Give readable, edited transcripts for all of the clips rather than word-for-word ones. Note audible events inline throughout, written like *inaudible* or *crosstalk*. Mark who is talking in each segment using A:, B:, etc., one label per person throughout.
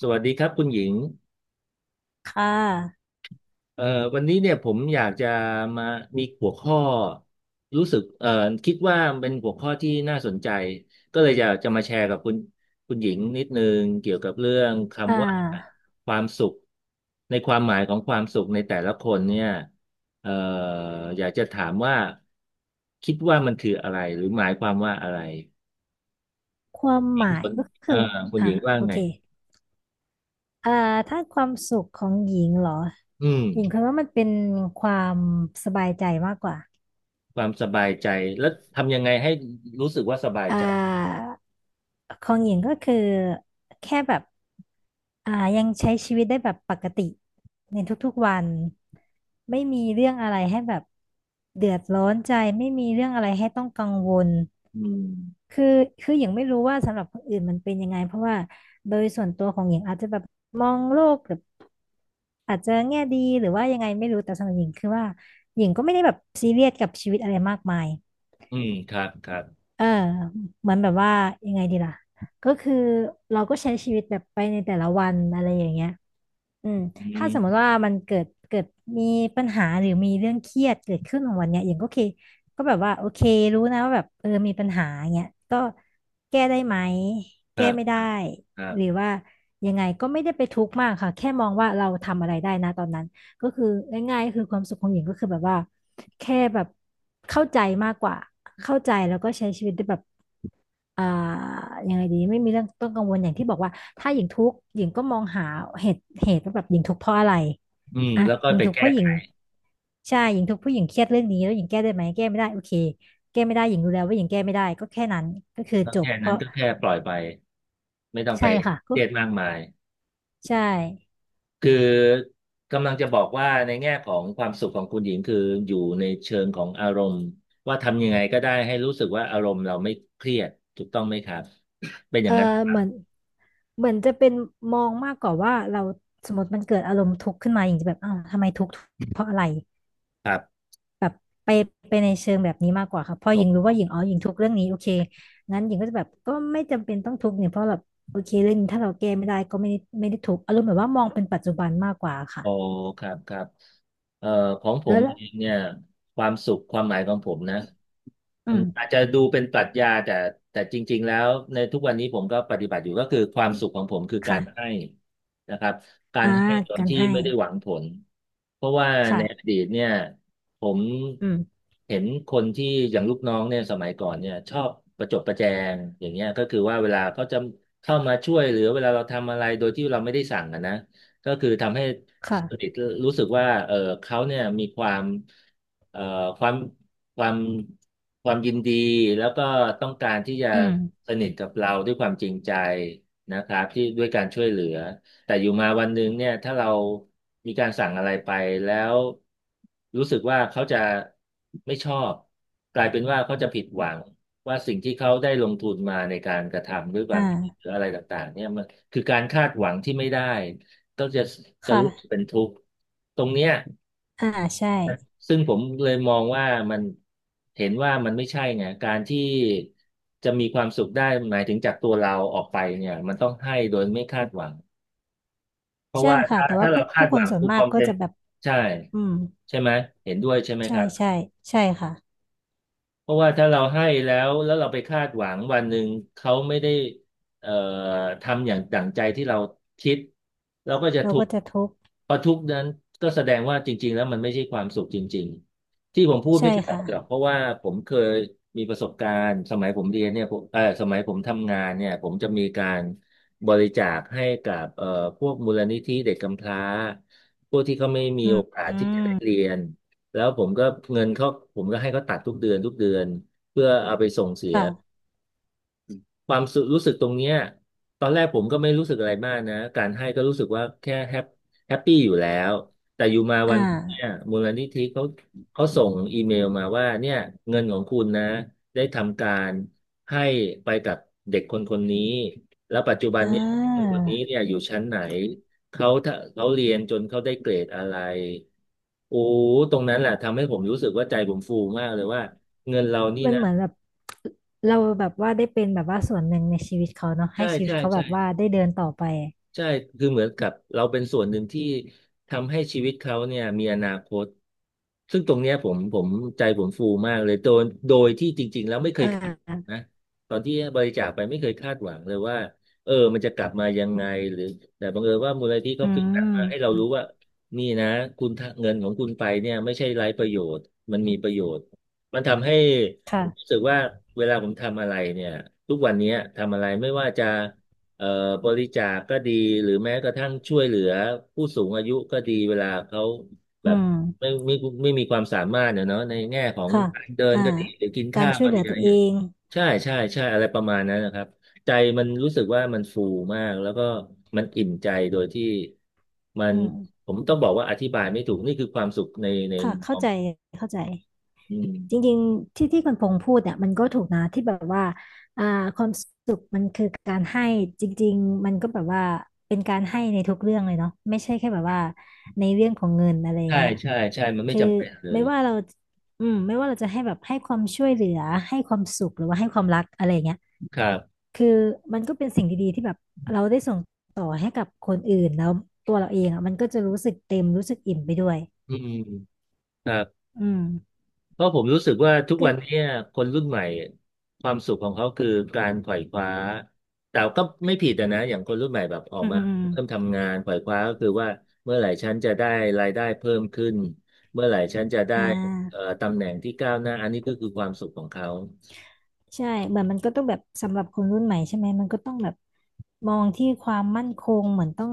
A: สวัสดีครับคุณหญิง
B: ค่ะ
A: เอ่อวันนี้เนี่ยผมอยากจะมามีหัวข้อรู้สึกคิดว่าเป็นหัวข้อที่น่าสนใจก็เลยจะมาแชร์กับคุณหญิงนิดนึงเกี่ยวกับเรื่อง
B: อ่
A: คำว่า
B: า
A: ความสุขในความหมายของความสุขในแต่ละคนเนี่ยเอ่ออยากจะถามว่าคิดว่ามันคืออะไรหรือหมายความว่าอะไร
B: ความ
A: ห
B: ห
A: ญิง
B: มา
A: ส
B: ย
A: น
B: ก็คื
A: เอ่
B: อ
A: อคุณ
B: อ่า
A: หญิงว่า
B: โอ
A: ไง
B: เค อ่าถ้าความสุขของหญิงเหรอ
A: อืม
B: หญิงคิดว่ามันเป็นความสบายใจมากกว่า
A: ความสบายใจแล้วทำยังไงให้รู้สึกว่าสบาย
B: อ่
A: ใจ
B: าของหญิงก็คือแค่แบบยังใช้ชีวิตได้แบบปกติในทุกๆวัน ไม่มีเรื่องอะไรให้แบบเดือดร้อนใจ ไม่มีเรื่องอะไรให้ต้องกังวล
A: อืม
B: คือคืออย่างไม่รู้ว่าสำหรับคนอื่นมันเป็นยังไงเพราะว่าโดยส่วนตัวของหญิงอาจจะแบบมองโลกแบบอาจจะแง่ดีหรือว่ายังไงไม่รู้แต่สำหรับหญิงคือว่าหญิงก็ไม่ได้แบบซีเรียสกับชีวิตอะไรมากมาย
A: อืมครับครับ
B: เออเหมือนแบบว่ายังไงดีล่ะก็คือเราก็ใช้ชีวิตแบบไปในแต่ละวันอะไรอย่างเงี้ยอืม
A: อื
B: ถ้าสมม
A: ม
B: ติว่ามันเกิดมีปัญหาหรือมีเรื่องเครียดเกิดขึ้นของวันเนี้ยอย่างก็โอเคก็แบบว่าโอเครู้นะว่าแบบเออมีปัญหาเงี้ยก็แก้ได้ไหม
A: ค
B: แก้
A: รับ
B: ไม่
A: ค
B: ได้
A: รับครั
B: หรือ
A: บ
B: ว่ายังไงก็ไม่ได้ไปทุกข์มากค่ะแค่มองว่าเราทำอะไรได้นะตอนนั้นก็คือง่ายๆก็คือความสุขของหญิงก็คือแบบว่า แค่แบบเข้าใจมากกว่าเข้าใจแล้วก็ใช้ชีวิตได้แบบอ่ายังไงดีไม่มีเรื่องต้องกังวลอย่างที่บอกว่าถ้าหญิงทุกข์หญิงก็มองหาเหตุว่าแบบหญิงทุกข์เพราะอะไร
A: อืม
B: อ่ะ
A: แล้วก็
B: หญิง
A: ไป
B: ทุกข์เพ
A: แก้
B: ราะหญิ
A: ไข
B: งใช่หญิงทุกข์เพราะหญิงเครียดเรื่องนี้แล้วหญิงแก้ได้ไหมแก้ไม่ได้โอเคแก้ไม่ได้หญิงรู้แล้วว่าหญิงแก้ไม่ได้ก็แค่นั้นก็คือ
A: แล้ว
B: จบ
A: แค่
B: เพ
A: นั้น
B: ราะ
A: ก็แค่ปล่อยไปไม่ต้องไป
B: ใช่ค่ะ
A: เค
B: ก็
A: รียดมากมาย
B: ใช่
A: คือกำลังจะบอกว่าในแง่ของความสุขของคุณหญิงคืออยู่ในเชิงของอารมณ์ว่าทำยังไงก็ได้ให้รู้สึกว่าอารมณ์เราไม่เครียดถูกต้องไหมครับเป็นอ
B: เอ
A: ย่าง
B: อ
A: นั้นหรือเป
B: เห
A: ล่ะ
B: มือนเหมือนจะเป็นมองมากกว่าว่าเราสมมติมันเกิดอารมณ์ทุกข์ขึ้นมาอย่างจะแบบอ้าวทำไมทุกข์เพราะอะไร
A: ครับ
B: แบบไปไปในเชิงแบบนี้มากกว่าค่ะพอหญิงรู้ว่าหญิงอ๋อหญิงทุกข์เรื่องนี้โอเคงั้นหญิงก็จะแบบก็ไม่จำเป็นต้องทุกข์เนี่ยเพราะแบบโอเคเรื่องนี้ถ้าเราแก้ไม่ได้ก็ไม่ได้ทุกข์อารมณ์แบบว่ามองเป็นปัจจุบันมากกว่าค่ะ
A: โอ้ครับครับเอ่อของผ
B: แล้
A: ม
B: วละ
A: เองเนี่ยความสุขความหมายของผมนะ
B: อื
A: อืมอาจ
B: ม
A: จะดูเป็นปรัชญาแต่แต่จริงๆแล้ว ในทุกวันนี้ผมก็ปฏิบัติอยู่ก็คือความสุขของผมคือกา
B: ค่ะ
A: รให้นะครับกา
B: อ่า
A: รให้โดย
B: การ
A: ที่
B: ให้
A: ไม่ได้หวังผล เพราะว่าในอ
B: ค่ะ
A: ดีตเนี่ยผม
B: อืม
A: เห็นคนที่อย่างลูกน้องเนี่ยสมัยก่อนเนี่ยชอบประจบประแจง อย่างเงี้ยก็คือว่าเวลาเขาจะเข้ามาช่วยหรือเวลาเราทำอะไรโดยที่เราไม่ได้สั่งอะนะก็คือทำให้ สนิต
B: ค่ะ
A: รู้สึกว่าเออเขาเนี่ยมีความเอ่อความความความยินดีแล้วก็ต้องการที่จะ
B: อืม
A: สนิทกับเราด้วยความจริงใจนะครับที่ด้วยการช่วยเหลือแต่อยู่มาวันหนึ่งเนี่ยถ้าเรามีการสั่งอะไรไปแล้วรู้สึกว่าเขาจะไม่ชอบกลายเป็นว่าเขาจะผิดหวังว่าสิ่งที่เขาได้ลงทุนมาในการกระทำด้วยค
B: อ่
A: วามหรือ
B: า
A: อะไรต่างๆเนี่ยมันคือการคาดหวังที่ไม่ได้ ก็จะรู้สึก
B: ค่ะ
A: เป็นทุกข์ตรงเนี้ย
B: อ่าใช่
A: ซึ่งผมเลยมองว่ามันเห็นว่ามันไม่ใช่ไงการที่จะมีความสุขได้หมายถึงจากตัวเราออกไปเนี่ยมันต้องให้โดยไม่คาดหวังเพราะ
B: ใช่
A: ว่า
B: ค่ะ
A: ถ้า
B: แต่ว่า
A: ถ้าเรา
B: ผู้
A: คา
B: ผู้
A: ด
B: ค
A: หวั
B: น
A: ง
B: ส่วน
A: ทุก
B: มา
A: ค
B: ก
A: วาม
B: ก็
A: เป็น
B: จะแบบ
A: ใช่
B: อืม
A: ใช่ไหมเห็นด้วยใช่ไหม
B: ใช่
A: ครับ
B: ใช่ใช่ค่ะ
A: เพราะว่าถ้าเราให้แล้วเราไปคาดหวังวันหนึ่งเขาไม่ได้เอ่อทำอย่างดั่งใจที่เราคิดเราก็จะ
B: เรา
A: ทุก
B: ก็
A: ข์
B: จะทุกข์
A: พอทุกข์นั้นก็แสดงว่าจริงๆแล้วมันไม่ใช่ความสุขจริงๆที่ผมพูด
B: ใช่
A: ไม่ใช่
B: ค่ะ
A: หรอกเพราะว่าผมเคยมีประสบการณ์สมัยผมเรียนเนี่ยผมเออสมัยผมทำงานเนี่ยผมจะมีการบริจาคให้กับพวกมูลนิธิเด็กกำพร้าพวกที่เขาไม่มี
B: อื
A: โอ
B: ม
A: กาส
B: อื
A: ที่จะ
B: ม
A: ได้เรียน แล้วผมก็เงินเขาผมก็ให้เขาตัดทุกเดือนทุกเดือนเพื่อเอาไปส่งเสีย
B: ค่ะ
A: ความสุรู้สึกตรงเนี้ยตอนแรกผมก็ไม่รู้สึกอะไรมากนะการให้ก็รู้สึกว่าแค่แฮปปี้อยู่แล้วแต่อยู่มาวั
B: อ่า
A: นเนี่ยมูลนิธิเขาส่งอีเมลมาว่าเนี่ยเงินของคุณนะได้ทำการให้ไปกับเด็กคนคนนี้แล้วปัจจุบัน
B: อ่
A: เนี่ยเด็กคน
B: า
A: คนนี้เนี่ยอยู่ชั้นไหนเขาถ้าเขาเรียนจนเขาได้เกรดอะไรโอ้ตรงนั้นแหละทำให้ผมรู้สึกว่าใจผมฟูมากเลยว่าเงินเรานี่
B: มัน
A: นะ
B: เหมือนแบบเราแบบว่าได้เป็นแบบว่าส่วนหนึ่งในชีวิตเขาเนาะให้
A: ใช่
B: ชีวิต
A: ใช่
B: เขาแบ
A: ใช่
B: บว่าได้เดินต่อไป
A: ใช่คือเหมือนกับเราเป็นส่วนหนึ่งที่ทำให้ชีวิตเขาเนี่ยมีอนาคตซึ่งตรงเนี้ยผมใจผมฟูมากเลยโดยที่จริงๆแล้วไม่เค
B: อ่
A: ยคาด
B: า
A: นะตอนที่บริจาคไปไม่เคยคาดหวังเลยว่าเออมันจะกลับมายังไงหรือแต่บังเอิญว่ามูลนิธิ
B: อื
A: เขาฟีดแบ็กมาให้เรา
B: ม
A: รู้ว่านี่นะคุณทะเงินของคุณไปเนี่ยไม่ใช่ไร้ประโยชน์มันมีประโยชน์มันทำให้ผมรู้
B: ค่ะ
A: สึกว่าเวลาผมทำอะไรเนี่ยทุกวันเนี้ยทำอะไรไม่ว่าจะ เอ่อบริจาคก็ดีหรือแม้กระทั่งช่วยเหลือผู้สูงอายุก็ดีเวลาเขาแบ
B: อื
A: บ
B: ม
A: ไม่ไม่ไม่มีความสามารถเนี่ยเนาะในแง่ของ
B: ค่ะ
A: การเดิน
B: อ่า
A: ก็ดีหรือกิน
B: การ
A: ข้าว
B: ช่วย
A: ก็
B: เหลื
A: ดี
B: อ
A: อะไร
B: ตั
A: อ
B: ว
A: ย่าง
B: เอ
A: เงี้ย
B: ง
A: ใช่ใช่ใช่อะไรประมาณนั้นนะครับใจมันรู้สึกว่ามันฟูมากแล้วก็มันอิ่มใจโดยที่มั
B: อื
A: น
B: ม
A: ผมต้องบอกว่าอธิบายไม่ถูกนี่คือความสุขในใน
B: ค่ะเข้าใจเข้าใจ
A: อืม
B: จริงๆที่ที่คุณพงษ์พูดเนี่ยมันก็ถูกนะที่แบบว่าอ่าความสุขมันคือการให้จริงๆมันก็แบบว่าเป็นการให้ในทุกเรื่องเลยเนาะไม่ใช่แค่แบบว่าในเรื่องของเงินอะไรอย่าง
A: ใช่
B: เงี้ย
A: ใช่ใช่มันไม่
B: คือ
A: จำเป็นเล
B: ไม่
A: ย
B: ว่าเราไม่ว่าเราจะให้แบบให้ความช่วยเหลือให้ความสุขหรือว่าให้ความรักอะไรอย่างเงี้ย
A: ครับ
B: คือมันก็เป็นสิ่งดีๆที่แบบเราได้ส่งต่อให้กับคนอื่นแล้วตัวเราเองอ่ะมันก็จะรู้สึกเต็มรู้สึกอิ่มไปด้วย
A: อืมครับ
B: อืม
A: เพราะผมรู้สึกว่าทุก
B: ก็
A: วันเนี้ยคนรุ่นใหม่ความสุขของเขาคือการขวายคว้าแต่ก็ไม่ผิดอะนะอย่างคนรุ่นใหม่แบบออก
B: อืม
A: มา
B: อืมอ
A: เริ่ม
B: ม
A: ทำงานขวายคว้าก็คือว่าเมื่อไหร่ฉันจะได้รายได้เพิ่มขึ้นเมื่อไหร่ฉันจะได้
B: อ่า
A: ตำแหน่งที่ก้าวหน้าอันนี้ก็คือความสุขของเขา
B: ใช่เหมือนมันก็ต้องแบบสำหรับคนรุ่นใหม่ใช่ไหมมันก็ต้องแบบมองที่ความมั่นคงเหมือนต้อง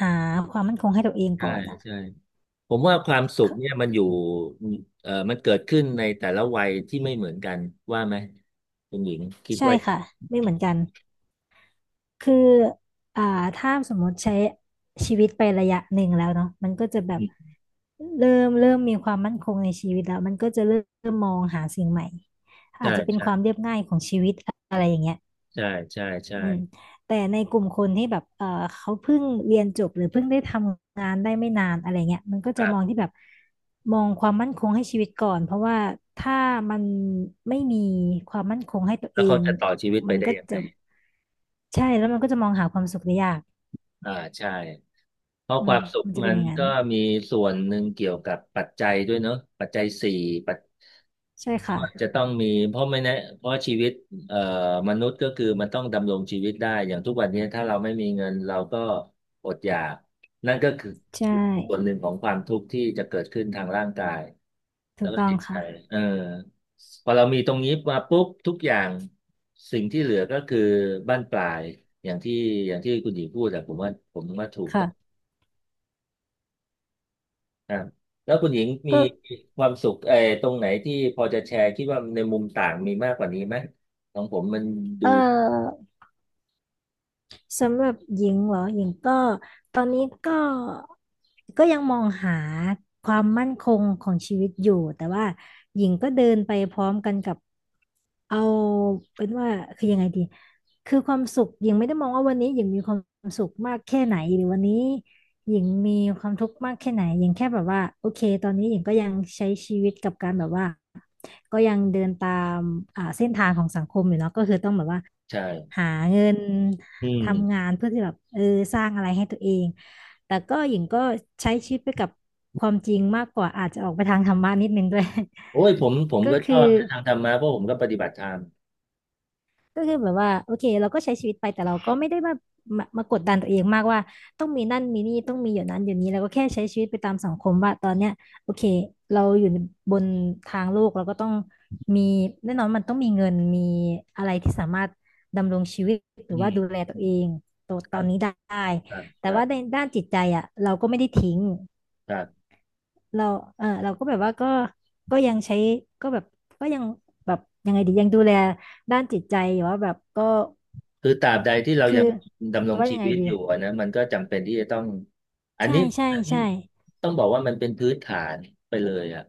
B: หาความมั่นคงให้ตัวเอง
A: ใช่
B: ก่อนอ่ะ
A: ใช่ผมว่าความสุข
B: ค่ะ
A: เนี่ยมันอยู่มันเกิดขึ้นในแต่ละวัยที่ไม่เหมือนกันว่าไหมคุณหญิงคิด
B: ใช่
A: ว่า
B: ค่ะไม่เหมือนกันคืออ่าถ้าสมมติใช้ชีวิตไประยะหนึ่งแล้วเนาะมันก็จะแบบเริ่มมีความมั่นคงในชีวิตแล้วมันก็จะเริ่มมองหาสิ่งใหม่
A: ใช่ใช่ใช่ใช่ใช
B: อืมแต่ในกลุ่มคนที่แบบเออเขาเพิ่งเรียนจบหรือเพิ่งได้ทำงานได้ไม่นานอะไรเงี้ยมันก็จะมองที่
A: ่
B: แบบ มองความมั่นคงให้ชีวิตก่อน เพราะว่าถ้ามันไม่มีความมั่นคงให้ตัว
A: แล้
B: เอ
A: วเขา
B: ง
A: จะต่อชีวิตไป
B: มัน
A: ได้
B: ก็
A: ยัง
B: จะ
A: ไง
B: ใช่แล้วมันก็จะมองหาความสุขได้ยาก
A: อ่าใช่ เพราะ
B: อื
A: ค
B: ม
A: วามสุข
B: มันจะ
A: มั
B: เป็นอ
A: น
B: ย่างนั้น
A: ก็มีส่วนหนึ่งเกี่ยวกับปัจจัยด้วยเนอะปัจจัยสี่ปัจ
B: ใช่ค่ะ
A: ว่าจะต้องมีเพราะไม่แนะเพราะชีวิตเอ่อมนุษย์ก็คือมันต้องดำรงชีวิตได้อย่างทุกวันนี้ถ้าเราไม่มีเงินเราก็อดอยากนั่นก็คือ
B: ใช
A: ส่วนห
B: ่
A: นึ่งของความทุกข์ที่จะเกิดขึ้นทางร่างกาย
B: ถู
A: แล้ว
B: ก
A: ก็
B: ต้อง
A: จิตใจ
B: ค่ะ
A: เออพอเรามีตรงนี้มาปุ๊บทุกอย่างสิ่งที่เหลือก็คือบั้นปลายอย่างที่อย่างที่คุณหญิงพูดแต่ผมว่าผมว่าถูกต้อง
B: ค่ะ
A: อ่าแล้วคุณหญิงมี
B: ก็
A: ความสุขเออตรงไหนที่พอจะแชร์คิดว่าในมุมต่างมีมากกว่านี้ไหมของผมมัน
B: เ
A: ดู
B: ออ สำหรับหญิงเหรอหญิงก็ตอนนี้ก็ยังมองหาความมั่นคงของชีวิตอยู่แต่ว่าหญิงก็เดินไปพร้อมกันกับเอาเป็นว่าคือยังไงดีคือความสุขหญิงไม่ได้มองว่าวันนี้หญิงมีความสุขมากแค่ไหนหรือวันนี้หญิงมีความทุกข์มากแค่ไหนหญิงแค่แบบว่าโอเคตอนนี้หญิงก็ยังใช้ชีวิตกับการแบบว่าก็ยังเดินตามเส้นทางของสังคมอยู่เนาะก็คือต้องแบบว่า
A: ใช่
B: หาเงิน
A: อืม
B: ทำงานเพื่อที่แบบสร้างอะไรให้ตัวเองแต่ก็หญิงก็ใช้ชีวิตไปกับความจริงมากกว่าอาจจะออกไปทางธรรมะนิดนึงด้วย
A: โอ้ยผมผม
B: *laughs* ก็
A: ก็ช
B: คื
A: อ
B: อ
A: บนะทางธรรมะเพราะผมก็ปฏิบัติธรรม
B: แบบว่าโอเคเราก็ใช้ชีวิตไปแต่เราก็ไม่ได้มามากดดันตัวเองมากว่าต้องมีนั่นมีนี่ต้องมีอย่างนั้นอย่างนี้เราก็แค่ใช้ชีวิตไปตามสังคมว่าตอนเนี้ยโอเคเราอยู่บนทางโลกเราก็ต้องมีแน่นอนมันต้องมีเงินมีอะไรที่สามารถดำรงชีวิตห
A: อื
B: รือว่า
A: ม
B: ดูแลตั
A: อื
B: วเอ
A: ม
B: งตัว
A: ค
B: ต
A: รั
B: อน
A: บ
B: นี้ได้
A: ครับค
B: แต่
A: รั
B: ว่าใน
A: บ
B: ด้านจิตใจอ่ะเราก็ไม่ได้ทิ้ง
A: ครับ
B: เราเราก็แบบว่าก็ยังใช้ก็แบบก็ยังแบบยังไงดียังดูแลด้านจิตใจหรือยู่ว่าแบบก็
A: คือตราบใดที่เรา
B: คือ
A: ยังดำร
B: จะ
A: ง
B: ว่า
A: ชี
B: ยังไง
A: วิต
B: ดี
A: อยู่อะนะมันก็จำเป็นที่จะต้องอัน
B: ใช่
A: นี้
B: ใช่
A: อันนี้
B: ใช่
A: ต้องบอกว่ามันเป็นพื้นฐานไปเลยอะ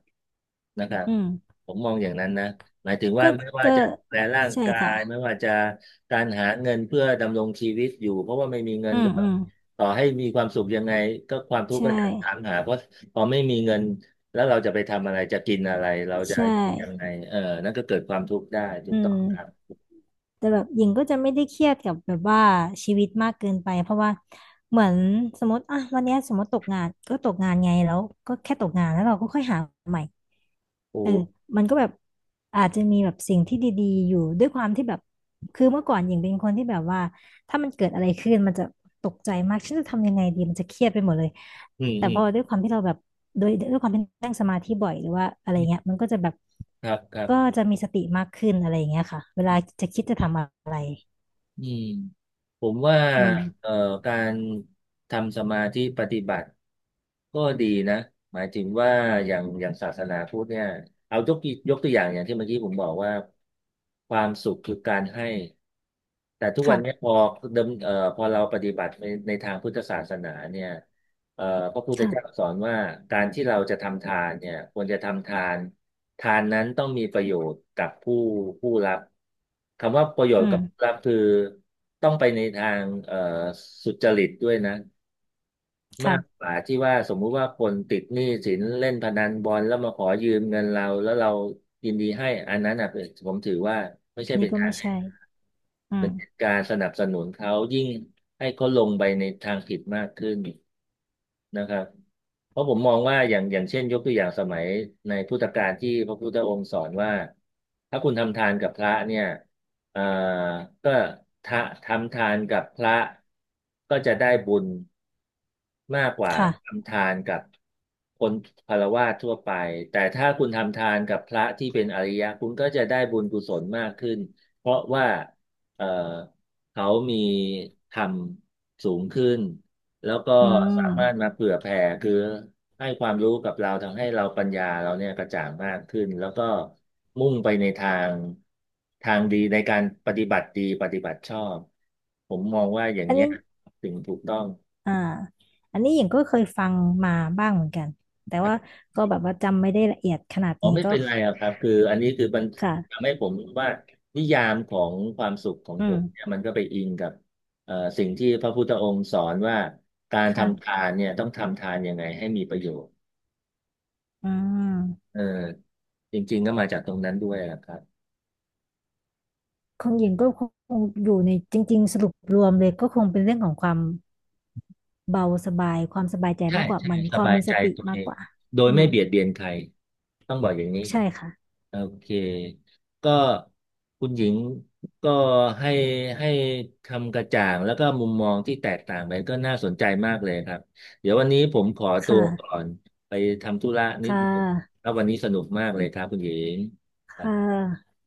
A: นะครับ
B: อืม
A: ผมมองอย่างนั้นนะหมายถึงว่า
B: ก็
A: ไม่ว่า
B: ก็
A: จะดูแลร่าง
B: ใช่
A: กายไม่
B: ค่ะ
A: ว่าจะการหาเงินเพื่อดำรงชีวิตอยู่เพราะว่าไม่มีเงิ
B: อื
A: น
B: ม
A: ก็
B: อืม
A: ต่อให้มีความสุขยังไงก็ความทุ
B: ใช
A: กข์ก็จะถาม
B: ่
A: หาเพราะพอไม่มีเงินแล้วเราจะไปทำอะไรจะกินอะไรเราจะ
B: ใช่
A: อยู่ยังไงเออนั่นก็เกิดความทุกข์ได้ถู
B: อื
A: กต้อ
B: ม
A: งครับ
B: แต่แบบหญิงก็จะไม่ได้เครียดกับแบบว่าชีวิตมากเกินไปเพราะว่าเหมือนสมมติอ่ะวันเนี้ยสมมติตกงานก็ตกงานไงแล้วก็แค่ตกงานแล้วเราก็ค่อยหาใหม่
A: โอ
B: เออ
A: ้
B: มันก็แบบอาจจะมีแบบสิ่งที่ดีๆอยู่ด้วยความที่แบบคือเมื่อก่อนหญิงเป็นคนที่แบบว่าถ้ามันเกิดอะไรขึ้นมันจะตกใจมากฉันจะทำยังไงดีมันจะเครียดไปหมดเลย
A: อืม
B: แต่
A: อื
B: พ
A: ม
B: อด้วยความที่เราแบบโดยด้วยความที่นั่งสมาธิบ่อยหรือว่าอะไรเงี้ยมันก็จะแบบ
A: ครับครับ
B: ก็จะมีสติมากขึ้นอะไรเงี้ยค่ะเวลาจะคิดจะทำอะไร
A: อืมผมว่า
B: อืม
A: เอ่อการทำสมาธิปฏิบัติก็ดีนะหมายถึงว่าอย่างอย่างศาสนาพุทธเนี่ยเอายกตัวอย่างอย่างที่เมื่อกี้ผมบอกว่าความสุขคือการให้แต่ทุกวั
B: ค่ะ
A: นเนี้พอเดิมพอเราปฏิบัติในทางพุทธศาสนาเนี่ย เอ่อพระพุทธเจ้า
B: ค่ะ
A: สอนว่าการที่เราจะทำทานเนี่ยควรจะทำทานทานนั้นต้องมีประโยชน์กับผู้รับคำว่าประโยช
B: อื
A: น์
B: ม
A: กับผู้รับคือต้องไปในทางสุจริตด้วยนะมาก
B: ค่ะ
A: กว่าที่ว่าสมมุติว่าคนติดหนี้สินเล่นพนันบอลแล้วมาขอยืมเงินเราแล้วเรายินดีให้อันนั้นอ่ะเป็นผมถือว่าไม่ใช่
B: อันนี้
A: เป็น
B: ก็
A: การ
B: ไม่
A: ให้
B: ใช่อืม
A: การสนับสนุนเขายิ่งให้เขาลงไปในทางผิดมากขึ้นนะครับเพราะผมมองว่าอย่างเช่นยกตัวอย่างสมัยในพุทธกาลที่พระพุทธองค์สอนว่าถ้าคุณทำทานกับพระเนี่ยเอ่อก็ทะทำทานกับพระก็จะได้บุญมากกว่า
B: ค่ะ
A: ทำทานกับคนฆราวาสทั่วไปแต่ถ้าคุณทำทานกับพระที่เป็นอริยะคุณก็จะได้บุญกุศลมากขึ้นเพราะว่า เอ่อเขามีทำสูงขึ้น แล้วก็
B: อืม
A: สามารถมาเผื่อแผ่คือ ให้ความรู้กับเราทำให้เราปัญญาเราเนี่ยกระจ่างมากขึ้น แล้วก็มุ่งไปในทางทางดีในการปฏิบัติดี ปฏิบัติชอบ ผมมองว่าอย่าง
B: อัน
A: เนี้ย
B: นี้
A: ถึงถูกต้อง
B: อ่าอันนี้หญิงก็เคยฟังมาบ้างเหมือนกันแต่ว่าก็แบบว่าจำไม่ได้ละเอียดขนาด
A: อ๋อ
B: นี้
A: ไม่
B: ก็
A: เป็นไรอะครับคืออันนี้คือมัน
B: ค่ะ
A: ทำให้ผมรู้ว่านิยามของความสุขของ
B: อื
A: ผมเนี่ย
B: ม
A: มันก็ไปอิงกับสิ่งที่พระพุทธองค์สอนว่าการทำทา
B: ค่ะ
A: นเนี่ยต้องทำทานยังไงให้มีประโยชน์
B: อืม
A: เออจริงๆก็มาจากตรงนั้นด้วยนะครับ
B: ของหญิงก็คงอยู่ในจริงๆสรุปรวมเลยก็คงเป็นเรื่องของความ เบาสบายความสบายใจ
A: ใช่
B: มากกว่า
A: ใช่
B: เหมือน
A: ส
B: ความ
A: บาย
B: มี
A: ใจ
B: สติ
A: ตัว
B: มา
A: เอ
B: กก
A: ง
B: ว่า
A: โด
B: อื
A: ยไม่
B: ม
A: เบียดเบียนใครต้องบอกอย่างนี้
B: ใช่ค่ะ
A: โอเคก็คุณหญิงก็ให้ให้คำกระจ่างแล้วก็มุมมองที่แตกต่างไปก็น่าสนใจมากเลยครับเดี๋ยววันนี้ผมขอ
B: ค
A: ตัวก่อ
B: ่ะ
A: นไปทำธุระนิด
B: ค่
A: นึง
B: ะ
A: แล้ววันนี้สนุกมากเลยครับคุณหญิง
B: ค่ะ